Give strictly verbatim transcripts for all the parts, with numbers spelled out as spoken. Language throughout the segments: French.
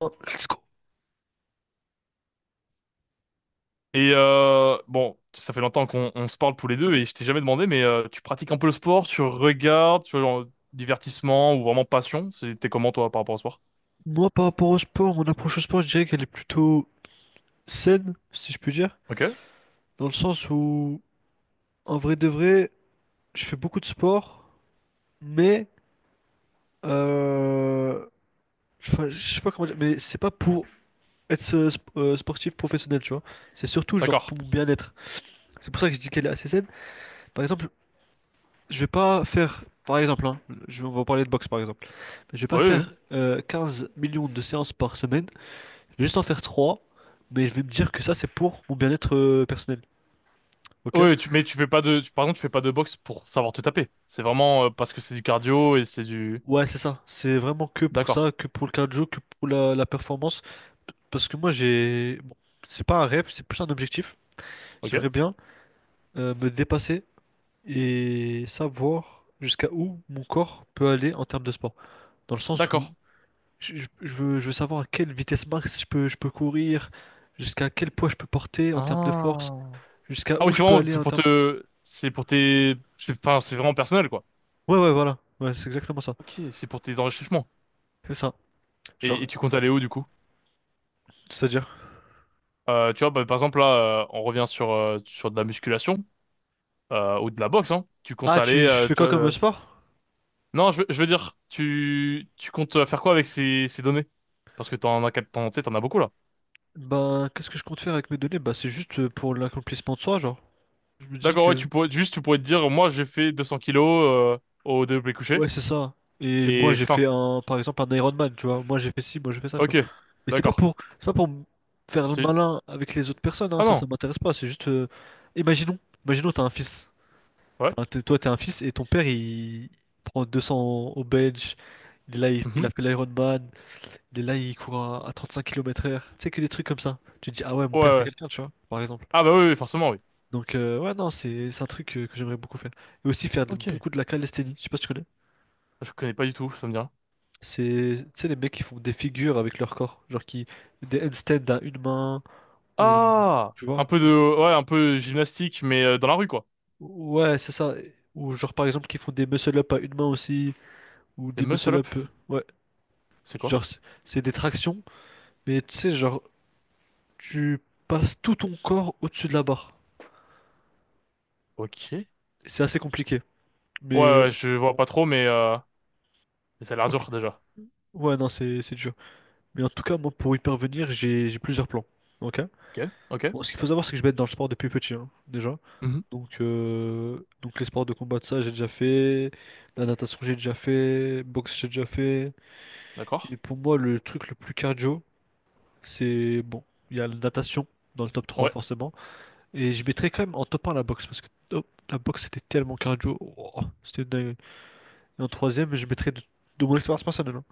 Oh, Let's go. Et euh, bon, ça fait longtemps qu'on on se parle tous les deux et je t'ai jamais demandé, mais euh, tu pratiques un peu le sport, tu regardes, tu vois, genre, divertissement ou vraiment passion? C'est- T'es comment toi par rapport au sport? Moi, par rapport au sport, mon approche au sport, je dirais qu'elle est plutôt saine, si je puis dire. Ok, Dans le sens où, en vrai de vrai, je fais beaucoup de sport, mais euh, enfin, je sais pas comment dire, mais c'est pas pour être euh, sp- euh, sportif professionnel, tu vois. C'est surtout genre d'accord. pour mon bien-être. C'est pour ça que je dis qu'elle est assez saine. Par exemple, je vais pas faire, par exemple, hein, je, on va parler de boxe par exemple, je vais pas Oui, oui. faire euh, 15 millions de séances par semaine. Je vais juste en faire trois, mais je vais me dire que ça, c'est pour mon bien-être euh, personnel. Ok? Oui, tu, mais tu fais pas de, tu, par exemple, tu fais pas de boxe pour savoir te taper. C'est vraiment euh, parce que c'est du cardio et c'est du. Ouais, c'est ça. C'est vraiment que pour D'accord. ça, que pour le cardio, que pour la, la performance. Parce que moi, j'ai. Bon, c'est pas un rêve, c'est plus un objectif. Ok. J'aimerais bien euh, me dépasser et savoir jusqu'à où mon corps peut aller en termes de sport. Dans le sens où D'accord. je, je- je veux, je veux savoir à quelle vitesse max je peux, je peux courir, jusqu'à quel poids je peux porter en termes de force, Ah. jusqu'à Ah où oui, c'est je peux vraiment, aller c'est en pour termes. te, c'est pour tes, c'est, enfin, c'est vraiment personnel quoi. Ouais, ouais, voilà. Ouais, c'est exactement ça. Ok, c'est pour tes enrichissements. C'est ça. Et, Genre, et tu comptes aller où du coup? c'est-à-dire? Euh, tu vois, bah, par exemple, là, euh, on revient sur, euh, sur de la musculation euh, ou de la boxe, hein. Tu comptes Ah, aller, tu, je euh, fais tu quoi vois... comme euh, euh, sport? Non, je veux, je veux dire, tu, tu comptes euh, faire quoi avec ces, ces données? Parce que t'en as, quel- t'en, tu sais, t'en as beaucoup, là. Ben, qu'est-ce que je compte faire avec mes données? Bah, c'est juste euh, pour l'accomplissement de soi, genre. Je me dis D'accord, ouais, que, tu pourrais, juste, tu pourrais te dire, moi, j'ai fait deux cents kilos euh, au développé couché, ouais, c'est ça. Et moi, et j'ai fin. fait un, par exemple, un Ironman, tu vois. Moi, j'ai fait ci, moi, j'ai fait ça, tu vois. Ok, Mais c'est pas d'accord. pour, c'est pas pour me faire le Tu... malin avec les autres personnes, hein, Ah ça, ça non, m'intéresse pas. C'est juste, euh, imaginons, imaginons, t'as un fils. ouais. Enfin, t'es- toi, t'es un fils et ton père, il prend deux cents au bench. Il a, il Mhm. a fait l'Ironman. Il est là, il court à, à cinq kilomètres heure. Tu sais que des trucs comme ça. Tu te dis, ah ouais, mon Ouais, père c'est ouais. quelqu'un, tu vois, par exemple. Ah bah oui, oui, forcément, oui. Donc, euh, ouais, non, c'est c'est un truc euh, que, j'aimerais beaucoup faire. Et aussi faire de- Ok, beaucoup de la calisthénie. Je sais pas si tu connais. je connais pas du tout, ça me dit rien. C'est, tu sais, les mecs qui font des figures avec leur corps. Genre qui. Des handstands à une main. Ou. Ah! Tu Un vois? peu des- de... Ouais, un peu gymnastique, mais euh, dans la rue, quoi. Ouais, c'est ça. Ou genre, par exemple, qui font des muscle-up à une main aussi. Ou Des des muscle-up, muscle-up. euh, Ouais. c'est quoi? Genre, c'est c'est des tractions. Mais tu sais, genre, tu passes tout ton corps au-dessus de la barre. Ok. Ouais, C'est assez compliqué. Mais ouais, je vois pas trop, mais, euh, mais ça a l'air ok. dur déjà. Ouais, non, c'est c'est dur. Mais en tout cas, moi, pour y parvenir, j'ai j'ai plusieurs plans. Ok? Ok, ok. Bon, ce qu'il faut savoir, c'est que je vais être dans le sport depuis petit, hein, déjà. Mhm. Donc, euh, donc les sports de combat, de ça, j'ai déjà fait. La natation, j'ai déjà fait. Boxe, j'ai déjà fait. Et D'accord. pour moi, le truc le plus cardio, c'est, bon, il y a la natation dans le top trois Ouais. forcément. Et je mettrais quand même en top un la boxe, parce que oh, la boxe, c'était tellement cardio. Oh, c'était dingue. Et en troisième, je mettrais de, de mon expérience personnelle, hein.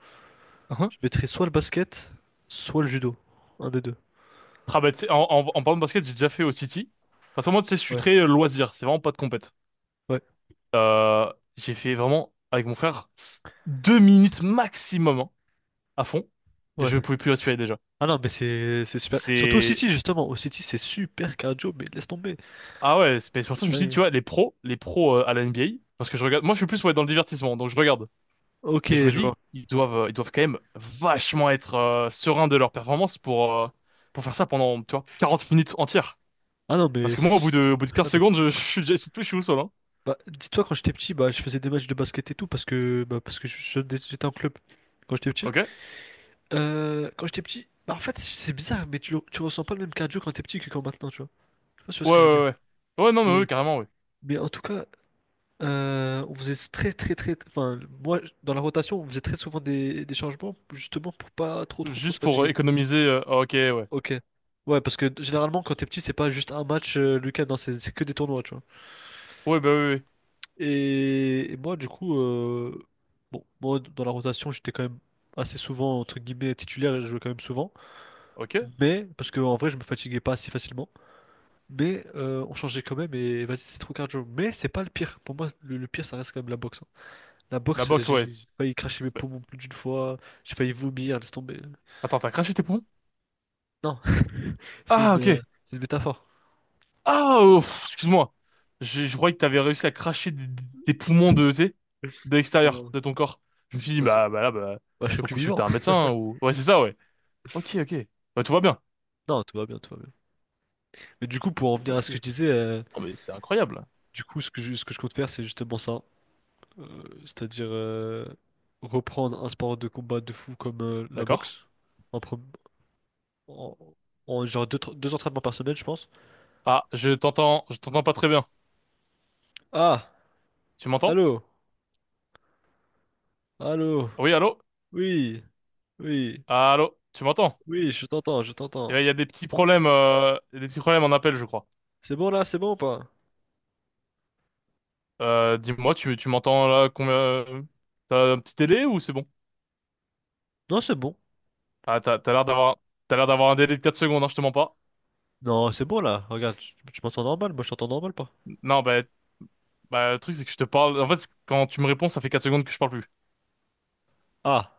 Mhm. Je mettrais soit le basket, soit le judo. Un des deux. Ah bah, tu sais, en, en, en parlant de basket, j'ai déjà fait au City. Parce que moi, tu sais, je suis Ouais, très euh, loisir, c'est vraiment pas de compète. ouais, Euh, j'ai fait vraiment, avec mon frère, s- deux minutes maximum hein, à fond. Je ouais. pouvais plus respirer déjà. Ah non, mais c'est c'est super. Surtout au C'est... City, justement. Au City, c'est super cardio, mais laisse tomber. Ah ouais, c'est mais c'est pour ça C'est que je me suis dit, dingue. tu vois, les pros, les pros euh, à la N B A, parce que je regarde... Moi, je suis plus ouais, dans le divertissement, donc je regarde. Ok, Et je me je dis, vois. ils doivent, euh, ils doivent quand même vachement être euh, sereins de leur performance pour, euh, pour faire ça pendant, tu vois, quarante minutes entières. Ah non, Parce mais que c'est moi, au bout de, au bout de super quinze cardio. secondes, je, je suis déjà essoufflé, je suis au sol, hein. Bah, dis-toi, quand j'étais petit, bah, je faisais des matchs de basket et tout parce que, bah, parce que je- je- j'étais en club quand j'étais petit. Ok? Ouais, Euh, quand j'étais petit, bah, en fait, c'est bizarre, mais tu, le- tu ressens pas le même cardio quand t'es petit que quand maintenant, tu vois. Je sais pas si tu vois ouais, ce que je veux dire. ouais. Ouais, Ouais, non, mais oui, Mais, carrément, oui. mais en tout cas, Euh, on faisait très très très, enfin moi dans la rotation on faisait très souvent des, des changements justement pour pas trop trop trop se Juste pour euh, fatiguer. économiser, euh, ah, ok, ouais. Ok. Ouais parce que généralement quand t'es petit c'est pas juste un match euh, le week-end, hein, c'est c'est que des tournois tu vois. Ouais, bah oui, oui. Et, et moi du coup euh, bon moi dans la rotation j'étais quand même assez souvent entre guillemets titulaire et je jouais quand même souvent. Ok? Mais parce que en vrai je me fatiguais pas si facilement. Mais euh, on changeait quand même et vas-y c'est trop cardio. Mais c'est pas le pire. Pour moi le, le pire ça reste quand même la boxe, hein. La La boxe, boxe, j'ai ouais. j'ai failli cracher mes Bah, poumons plus d'une fois, j'ai failli vomir, laisse tomber. attends, t'as craché tes poumons? Non, c'est Ah, une, ok. euh, c'est une métaphore. Ah, oh, pff, excuse-moi. Je, je croyais que t'avais réussi à cracher des, des poumons de, tu sais, de Non, l'extérieur non, de ton corps. Je me suis dit, non, ça- bah, bah là, bah, bah, je suis faut plus consulter vivant. un médecin ou... Ouais, c'est ça, ouais. Ok, ok. Bah, tout va bien. Non, tout va bien, tout va bien. Mais du coup, pour en venir à ce Ok. que je disais, euh, Oh, mais c'est incroyable. du coup, ce que je, ce que je compte faire, c'est justement ça. Euh, c'est-à-dire euh, reprendre un sport de combat de fou comme euh, la D'accord. boxe. En, pre- en- en genre deux, tra- deux entraînements par semaine, je pense. Ah, je t'entends, je t'entends pas très bien. Ah, Tu m'entends? allô, allô, Oui, allô? oui, oui, Ah, Allô? Tu m'entends? oui, je t'entends, je Eh t'entends. ben, il y a des petits problèmes, euh, il y a des petits problèmes en appel, je crois. C'est bon là, c'est bon ou pas? Euh, dis-moi, tu, tu m'entends là combien? euh, T'as un petit délai ou c'est bon? Non, c'est bon. Ah, t'as, t'as l'air d'avoir, t'as l'air d'avoir un délai de quatre secondes, hein, je te mens pas. Non, c'est bon là. Regarde, tu, tu m'entends normal, moi je t'entends normal pas. Non, bah, bah, le truc, c'est que je te parle. En fait, quand tu me réponds, ça fait quatre secondes que je parle plus. Ah,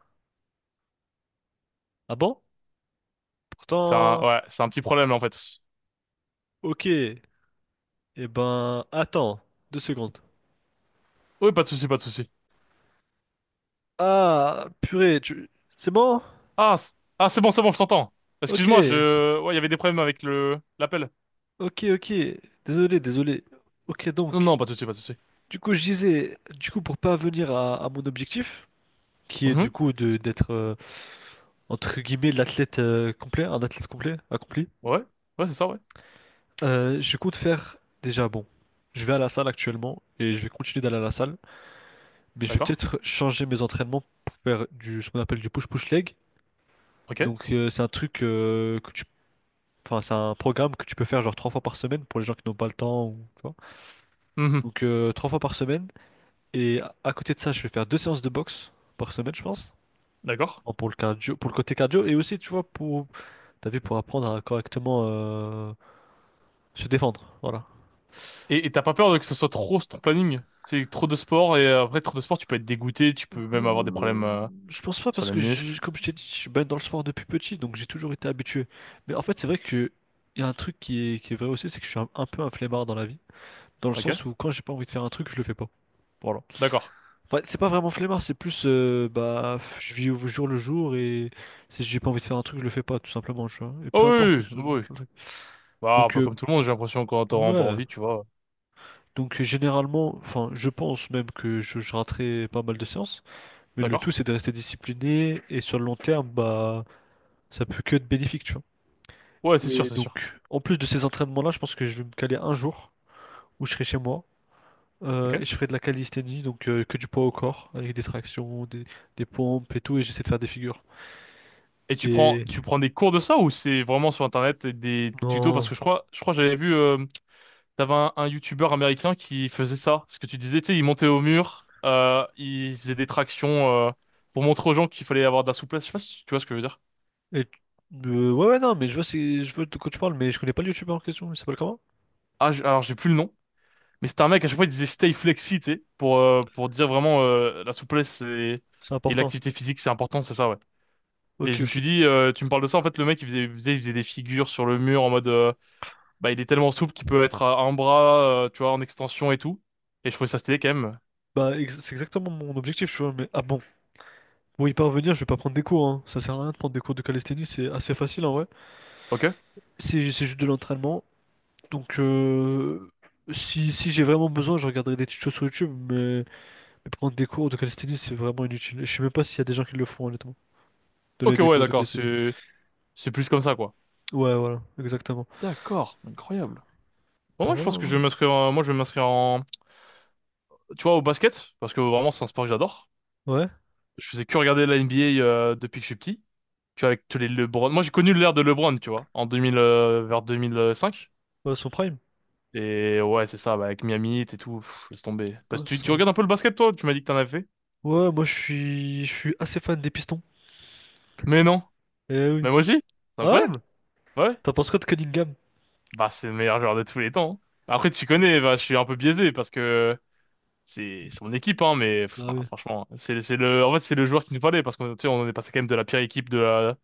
ah bon? C'est un, Pourtant, ouais, c'est un petit problème, en fait. ok. Eh ben, attends, deux secondes. Oui, pas de souci, pas de souci. Ah, purée, tu. C'est bon? Ah, c- ah c'est bon, c'est bon, je t'entends. Ok, Excuse-moi, je... Ouais, il y avait des problèmes avec le l'appel. ok, ok. Désolé, désolé. Ok, Non, donc, non, pas de souci, pas de souci. du coup, je disais, du coup, pour pas venir à, à mon objectif, qui est du Mhm. coup de d'être, euh, entre guillemets, l'athlète euh, complet, un athlète complet, accompli, Ouais, ouais, c'est ça, ouais. euh, je compte faire déjà, bon, je vais à la salle actuellement et je vais continuer d'aller à la salle. Mais je vais D'accord. peut-être changer mes entraînements pour faire du, ce qu'on appelle du push-push leg. Ok. Donc euh, c'est un truc euh, que tu, enfin c'est un programme que tu peux faire genre trois fois par semaine pour les gens qui n'ont pas le temps ou tu vois. Mhm. Donc euh, trois fois par semaine. Et à à côté de ça, je vais faire deux séances de boxe par semaine, je pense. D'accord. Bon, pour le cardio, pour le côté cardio et aussi tu vois pour, t'as vu pour apprendre à correctement euh, se défendre. Voilà. Et et t'as pas peur de que ce soit trop sur ton planning? C'est trop de sport, et euh, après, trop de sport, tu peux être dégoûté, tu peux même avoir des Euh, problèmes euh, Je pense pas sur parce les que j'ai- muscles. comme je t'ai dit, je suis baigné dans le sport depuis petit, donc j'ai toujours été habitué. Mais en fait, c'est vrai que il y a un truc qui est, qui est vrai aussi, c'est que je suis un, un peu un flemmard dans la vie, dans le Ok. sens où quand j'ai pas envie de faire un truc, je le fais pas. Voilà. D'accord. Enfin, c'est pas vraiment flemmard, c'est plus euh, bah je vis au jour le jour et si j'ai pas envie de faire un truc, je le fais pas tout simplement, tu vois. Et peu Oh importe où oui, ce- oui, oui, oui. le truc. Bah, un Donc peu euh, comme tout le monde, j'ai l'impression, quand t'auras pas ouais. envie, tu vois. Donc euh, généralement, enfin, je pense même que je, je raterai pas mal de séances, mais le D'accord. tout c'est de rester discipliné et sur le long terme, bah ça peut que être bénéfique, tu vois. Ouais, c'est sûr, Et c'est sûr. donc, en plus de ces entraînements-là, je pense que je vais me caler un jour où je serai chez moi, euh, Ok. et je ferai de la calisthénie, donc euh, que du poids au corps, avec des tractions, des, des pompes et tout, et j'essaie de faire des figures. Et tu prends, Et tu prends des cours de ça ou c'est vraiment sur Internet et des tutos? Parce non. que je crois, je crois que j'avais vu... euh, T'avais un, un youtubeur américain qui faisait ça, ce que tu disais, tu sais, il montait au mur, euh, il faisait des tractions euh, pour montrer aux gens qu'il fallait avoir de la souplesse. Je sais pas si tu vois ce que je veux dire. Et euh, ouais, ouais, non, mais je vois, c'est, je vois de quoi tu parles, mais je connais pas le youtubeur en question. Il s'appelle comment? Ah, je- alors j'ai plus le nom, mais c'était un mec à chaque fois il disait stay flexi, tu sais, pour euh, pour dire vraiment euh, la souplesse et, C'est et important. l'activité physique c'est important, c'est ça ouais. Et Ok, je me ok. suis dit, euh, tu me parles de ça, en fait le mec il faisait, il faisait, il faisait des figures sur le mur en mode, euh, bah il est tellement souple qu'il peut être à un bras, euh, tu vois, en extension et tout. Et je trouvais ça stylé quand même. Bah, ex- c'est exactement mon objectif, tu vois. Mais ah bon, pour y parvenir, je vais pas prendre des cours, hein. Ça sert à rien de prendre des cours de calisthénie, c'est assez facile en vrai. Ok? C'est c'est juste de l'entraînement. Donc, euh, si, si j'ai vraiment besoin, je regarderai des tutos sur YouTube, mais, mais prendre des cours de calisthénie, c'est vraiment inutile. Et je sais même pas s'il y a des gens qui le font, honnêtement. Donner Ok des ouais cours de d'accord, calisthénie. c'est c'est plus comme ça quoi. Ouais, voilà, exactement. D'accord, incroyable. Bon, Bah moi, je voilà, pense que hein. je vais m'inscrire, en- moi, je vais m'inscrire en, tu vois, au basket, parce que vraiment, c'est un sport que j'adore. Ouais, Je faisais que regarder la N B A, euh, depuis que je suis petit. Tu vois, avec tous les LeBron. Moi, j'ai connu l'ère de LeBron, tu vois, en deux mille, euh, vers deux mille cinq. bah, son prime. Et ouais, c'est ça, bah, avec Miami Heat et tout, pff, laisse tomber. Parce Ah, que tu, tu son- regardes un peu le basket, toi, tu m'as dit que t'en avais fait. ouais, moi je suis je suis assez fan des Pistons. Mais non. Eh Mais oui. moi aussi. C'est Ah ouais? incroyable. Ouais. T'en penses quoi de Cunningham? Bah, c'est le meilleur joueur de tous les temps, hein. Après, tu connais, bah, je suis un peu biaisé parce que c'est c'est mon équipe hein mais Ah enfin, oui. franchement c'est c'est le en fait c'est le joueur qui nous fallait parce qu'on tu sais, on est passé quand même de la pire équipe de la-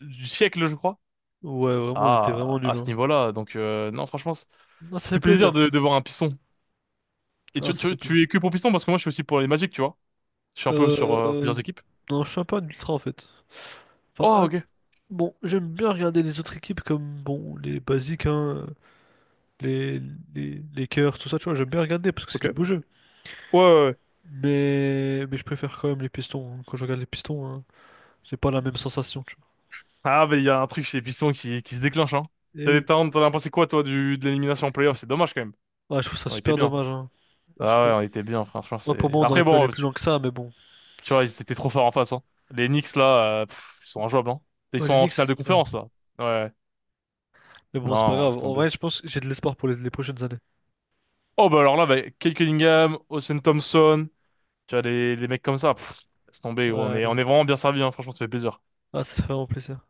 du siècle je crois Ouais, vraiment, on était vraiment à à nuls, ce hein. niveau-là donc euh, non franchement c- Non, ça ça fait fait plaisir plaisir. de, de voir un piston et Ah, tu, ça fait tu tu es plaisir. que pour piston parce que moi je suis aussi pour les Magic tu vois je suis un peu sur euh, Euh... plusieurs équipes Non, je suis un peu un ultra en fait. Enfin, oh un- ok bon, j'aime bien regarder les autres équipes comme, bon, les basiques, hein, les, les, les Lakers, tout ça, tu vois, j'aime bien regarder parce que c'est ok du ouais beau jeu. ouais, ouais. Mais, mais je préfère quand même les Pistons, hein. Quand je regarde les Pistons, hein, j'ai pas la même sensation, tu Ah mais il y a un truc chez les pistons qui qui se déclenche hein vois. Et t'as oui. t'en t'en as pensé quoi toi du de l'élimination en playoff c'est dommage quand même Ouais, je trouve ça on était super bien dommage, hein. Je ah ouais trouve- on était bien franchement Ouais, pour c'est moi, on aurait après pu aller bon. plus loin que ça, mais bon. Tu vois, ils étaient trop forts en face, hein. Les Knicks, là, euh, pff, ils sont injouables, hein. Ils Ouais, sont les en finale Knicks, de ouais. conférence, là. Ouais. Mais bon, c'est pas Non, laisse grave. En tomber. vrai, je pense que j'ai de l'espoir pour les, les prochaines années. Oh, bah alors là, bah, Kate Cunningham, Austin Thompson, tu vois, les, les mecs comme ça, pff, laisse tomber, gros. On est, Ouais. on est vraiment bien servi, hein. Franchement, ça fait plaisir. Ah, ça fait vraiment plaisir.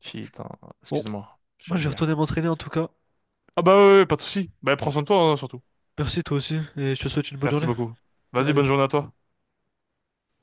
Putain, Bon, excuse-moi, je moi, suis je vais retourner vulgaire. m'entraîner en tout cas. Ah bah ouais, ouais, pas de souci. Bah prends soin de toi, hein, surtout. Merci, toi aussi, et je te souhaite une bonne Merci journée. beaucoup. Vas-y, Allez. bonne journée à toi.